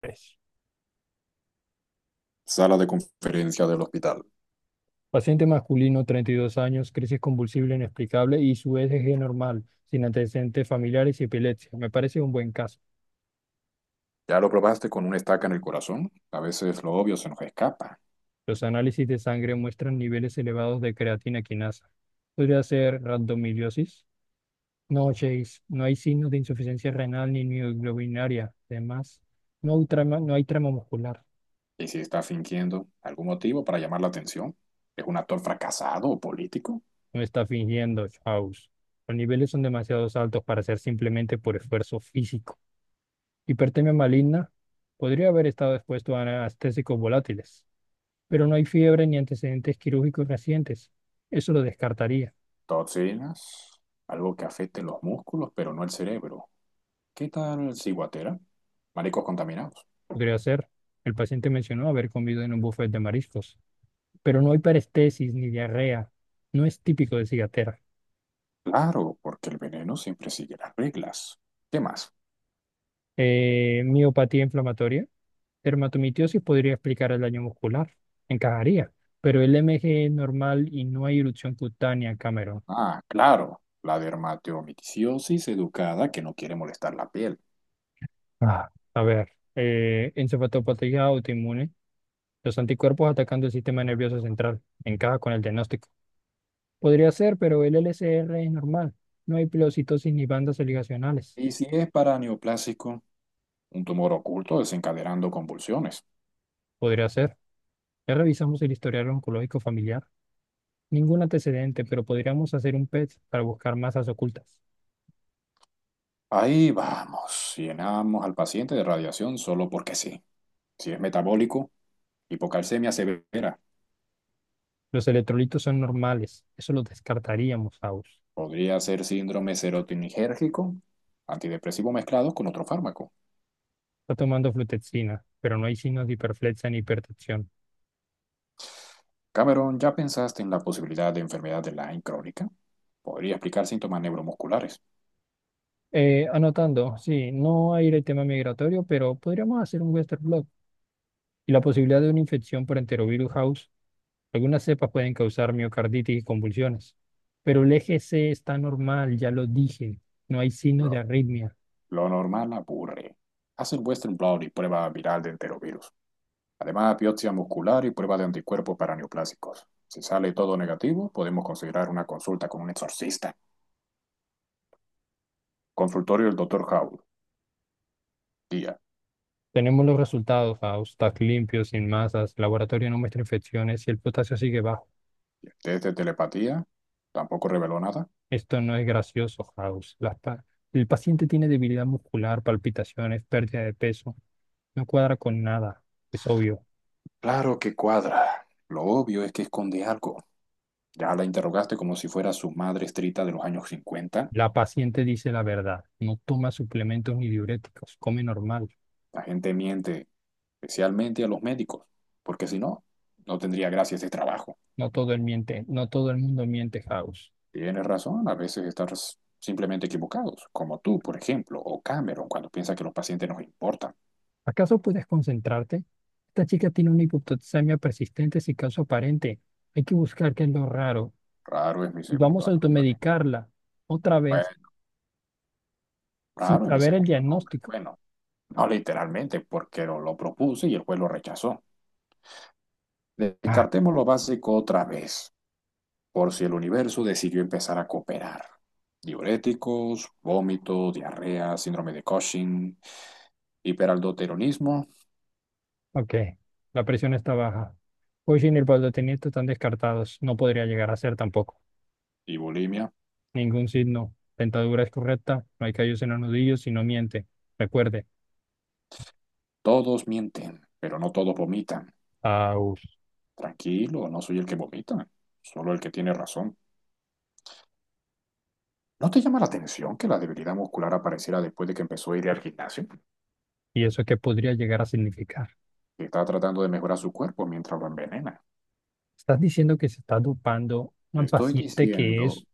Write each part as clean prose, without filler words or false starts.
Pues, Sala de conferencia del hospital. paciente masculino, 32 años, crisis convulsiva inexplicable y su ECG normal, sin antecedentes familiares y epilepsia. Me parece un buen caso. ¿Ya lo probaste con una estaca en el corazón? A veces lo obvio se nos escapa. Los análisis de sangre muestran niveles elevados de creatina quinasa. ¿Podría ser rhabdomiolisis? No, Chase, no hay signos de insuficiencia renal ni mioglobinuria. Además, no hay trama muscular. ¿Y si está fingiendo algún motivo para llamar la atención? ¿Es un actor fracasado o político? No está fingiendo, House. Los niveles son demasiado altos para ser simplemente por esfuerzo físico. Hipertermia maligna podría haber estado expuesto a anestésicos volátiles, pero no hay fiebre ni antecedentes quirúrgicos recientes. Eso lo descartaría. Toxinas, algo que afecte los músculos pero no el cerebro. ¿Qué tal ciguatera? Mariscos contaminados. Podría ser. El paciente mencionó haber comido en un buffet de mariscos, pero no hay parestesis ni diarrea. No es típico de cigatera. Claro, porque el veneno siempre sigue las reglas. ¿Qué más? Miopatía inflamatoria. Dermatomitiosis podría explicar el daño muscular. Encajaría, pero el MG es normal y no hay erupción cutánea, Cameron. Ah, claro, la dermatomicosis educada que no quiere molestar la piel. Ah, a ver, encefalopatía autoinmune. Los anticuerpos atacando el sistema nervioso central. Encaja con el diagnóstico. Podría ser, pero el LCR es normal. No hay pleocitosis ni bandas ligacionales. ¿Y si es para neoplásico? Un tumor oculto desencadenando convulsiones. Podría ser. Ya revisamos el historial oncológico familiar. Ningún antecedente, pero podríamos hacer un PET para buscar masas ocultas. Ahí vamos, llenamos al paciente de radiación solo porque sí. Si es metabólico, hipocalcemia severa, Los electrolitos son normales. Eso lo descartaríamos, Faust. podría ser síndrome serotoninérgico, antidepresivo mezclado con otro fármaco. Está tomando flutexina, pero no hay signos de hiperflexia ni hipertensión. Cameron, ¿ya pensaste en la posibilidad de enfermedad de Lyme crónica? Podría explicar síntomas neuromusculares. Anotando, sí, no hay el tema migratorio, pero podríamos hacer un Western blot y la posibilidad de una infección por enterovirus, house. Algunas cepas pueden causar miocarditis y convulsiones, pero el eje C está normal, ya lo dije, no hay signos de Lo, arritmia. lo normal aburre. Haz el Western Blot y prueba viral de enterovirus. Además, biopsia muscular y prueba de anticuerpos para neoplásicos. Si sale todo negativo, podemos considerar una consulta con un exorcista. Consultorio del doctor Howell, día. Tenemos los resultados, Faust, TAC limpio, sin masas, laboratorio no muestra infecciones y el potasio sigue bajo. ¿Y el test de telepatía? ¿Tampoco reveló nada? Esto no es gracioso, Faust. El paciente tiene debilidad muscular, palpitaciones, pérdida de peso, no cuadra con nada, es obvio. Claro que cuadra. Lo obvio es que esconde algo. ¿Ya la interrogaste como si fuera su madre estrita de los años cincuenta? La paciente dice la verdad, no toma suplementos ni diuréticos, come normal. La gente miente, especialmente a los médicos, porque si no, no tendría gracia ese trabajo. No todo el mundo miente, House. Tienes razón, a veces estás simplemente equivocados, como tú, por ejemplo, o Cameron, cuando piensa que los pacientes nos importan. ¿Acaso puedes concentrarte? Esta chica tiene una hipopotasemia persistente sin caso aparente. Hay que buscar qué es lo raro Raro es mi y vamos segundo a nombre. automedicarla otra Bueno, vez sin raro es mi saber el segundo nombre. diagnóstico. Bueno, no literalmente, porque lo propuse y el juez lo rechazó. Ah, Descartemos lo básico otra vez, por si el universo decidió empezar a cooperar. Diuréticos, vómito, diarrea, síndrome de Cushing, hiperaldoteronismo ok. La presión está baja. Cushing y el baldotimiento están descartados. No podría llegar y a ser tampoco. y bulimia. Ningún signo. Dentadura es correcta. No hay callos en los nudillos y no miente. Recuerde. Todos mienten, pero no todos vomitan. Aus. Tranquilo, no soy el que vomita, solo el que tiene razón. ¿No te llama la atención que la debilidad muscular apareciera después de que empezó a ir al gimnasio? ¿Y eso qué podría llegar a significar? Que está tratando de mejorar su cuerpo mientras lo envenena. Estás diciendo que se está dopando una Estoy paciente diciendo,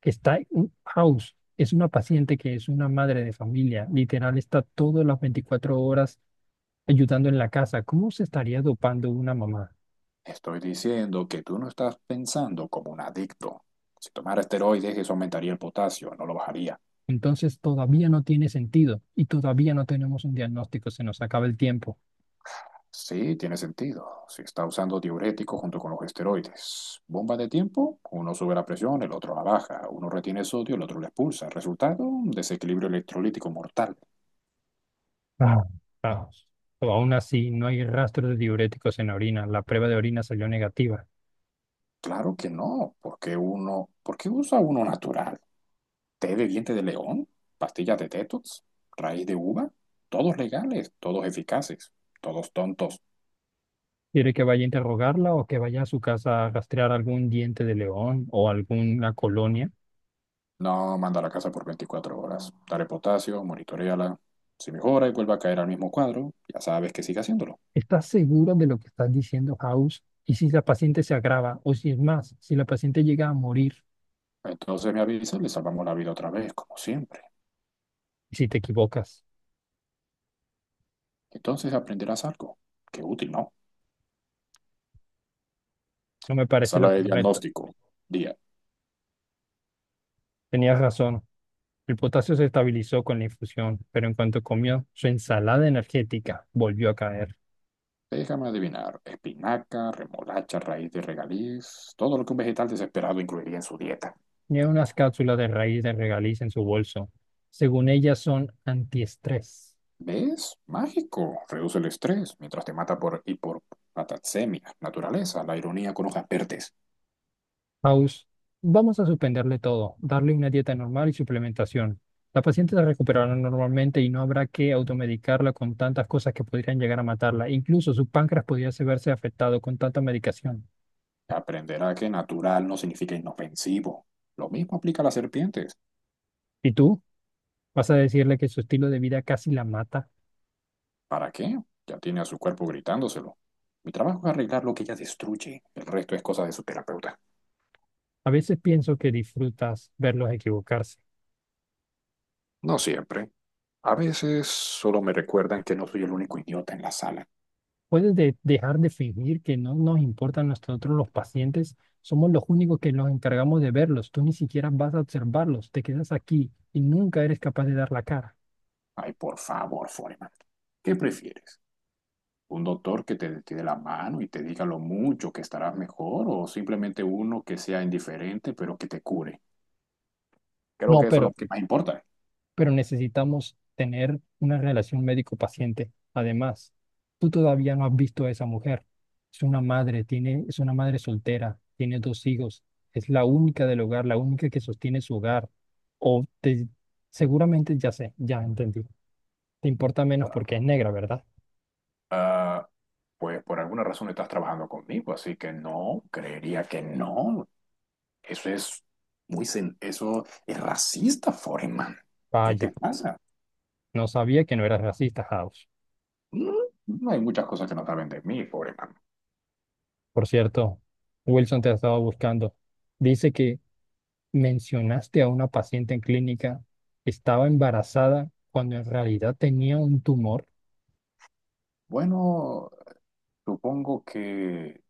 que está en un house, es una paciente que es una madre de familia, literal está todas las 24 horas ayudando en la casa. ¿Cómo se estaría dopando una mamá? estoy diciendo que tú no estás pensando como un adicto. Si tomara esteroides, eso aumentaría el potasio, no lo bajaría. Entonces todavía no tiene sentido y todavía no tenemos un diagnóstico, se nos acaba el tiempo. Sí, tiene sentido. Si está usando diuréticos junto con los esteroides. Bomba de tiempo, uno sube la presión, el otro la baja. Uno retiene sodio, el otro la expulsa. Resultado, un desequilibrio electrolítico mortal. Ah, vamos. O aún así, no hay rastros de diuréticos en la orina, la prueba de orina salió negativa. Claro que no, porque uno, ¿por qué usa uno natural? Té de diente de león, pastillas de tetos, raíz de uva, todos legales, todos eficaces, todos tontos. ¿Quiere que vaya a interrogarla o que vaya a su casa a rastrear algún diente de león o alguna colonia? No, manda a la casa por 24 horas. Dale potasio, monitoreala. Si mejora y vuelve a caer al mismo cuadro, ya sabes que sigue haciéndolo. ¿Estás seguro de lo que estás diciendo, House? ¿Y si la paciente se agrava? O si es más, si la paciente llega a morir, Entonces me avisa y le salvamos la vida otra vez, como siempre. y si te equivocas, Entonces aprenderás algo. Qué útil, ¿no? no me parece lo Sala de correcto. diagnóstico, día. Tenías razón. El potasio se estabilizó con la infusión, pero en cuanto comió su ensalada energética, volvió a caer. Déjame adivinar, espinaca, remolacha, raíz de regaliz, todo lo que un vegetal desesperado incluiría en su dieta. Tenía unas cápsulas de raíz de regaliz en su bolso. Según ella, son antiestrés. ¿Ves? Mágico. Reduce el estrés mientras te mata por hipopataxemia. Naturaleza, la ironía con hojas verdes. House, vamos a suspenderle todo, darle una dieta normal y suplementación. La paciente se recuperará normalmente y no habrá que automedicarla con tantas cosas que podrían llegar a matarla. Incluso su páncreas podría se verse afectado con tanta medicación. Aprenderá que natural no significa inofensivo. Lo mismo aplica a las serpientes. ¿Y tú? ¿Vas a decirle que su estilo de vida casi la mata? ¿Para qué? Ya tiene a su cuerpo gritándoselo. Mi trabajo es arreglar lo que ella destruye. El resto es cosa de su terapeuta. A veces pienso que disfrutas verlos equivocarse. No siempre. A veces solo me recuerdan que no soy el único idiota en la sala. ¿Puedes dejar de fingir que no nos importan nosotros los pacientes? Somos los únicos que nos encargamos de verlos. Tú ni siquiera vas a observarlos. Te quedas aquí y nunca eres capaz de dar la cara. Ay, por favor, Foreman, ¿qué prefieres? ¿Un doctor que te la mano y te diga lo mucho que estarás mejor o simplemente uno que sea indiferente pero que te cure? Creo No, que eso es lo pero, que más importa. pero necesitamos tener una relación médico-paciente. Además, tú todavía no has visto a esa mujer. Es una madre soltera, tiene dos hijos, es la única del hogar, la única que sostiene su hogar. O te, Seguramente ya sé, ya entendí. Te importa menos porque es negra, ¿verdad? Ah, pues por alguna razón estás trabajando conmigo, así que no, creería que no. Eso es eso es racista, Foreman. ¿Qué te Vaya, pasa? no sabía que no eras racista, House. Mm. No hay muchas cosas que no saben de mí, Foreman. Por cierto, Wilson te ha estado buscando. Dice que mencionaste a una paciente en clínica, estaba embarazada cuando en realidad tenía un tumor. Bueno, supongo que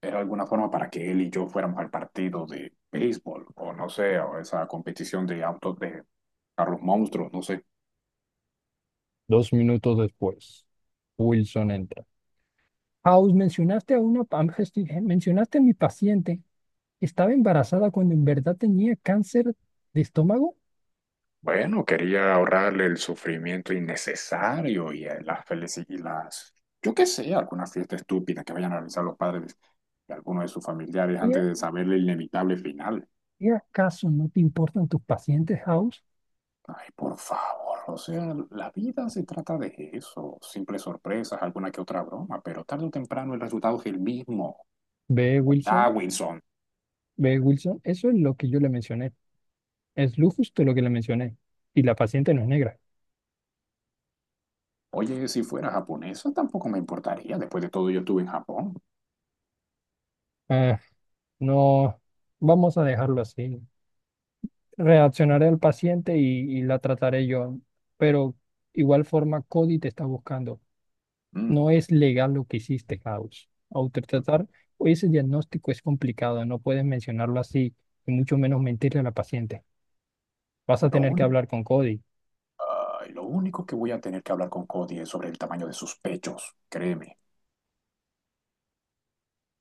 era alguna forma para que él y yo fuéramos al partido de béisbol, o no sé, o esa competición de autos de carros monstruos, no sé. 2 minutos después, Wilson entra. House, mencionaste a mi paciente, estaba embarazada cuando en verdad tenía cáncer de estómago. Bueno, quería ahorrarle el sufrimiento innecesario y las felices y las, yo qué sé, alguna fiesta estúpida que vayan a realizar los padres de alguno de sus familiares ¿Y, antes de saber el inevitable final. y acaso no te importan tus pacientes, House? Ay, por favor, o sea, la vida se trata de eso, simples sorpresas, alguna que otra broma, pero tarde o temprano el resultado es el mismo. Ve, Hola, Wilson, Wilson. ve, Wilson, eso es lo que yo le mencioné. Es lo justo lo que le mencioné. Y la paciente no es negra. Oye, si fuera japonesa tampoco me importaría. Después de todo, yo estuve en Japón. Ah, no, vamos a dejarlo así. Reaccionaré al paciente y la trataré yo. Pero igual forma, Cody te está buscando. Mm. No es legal lo que hiciste, House. Autotratar, o ese diagnóstico es complicado, no puedes mencionarlo así, y mucho menos mentirle a la paciente. Vas a Lo tener que único, hablar con Cody. ay, lo único que voy a tener que hablar con Cody es sobre el tamaño de sus pechos, créeme.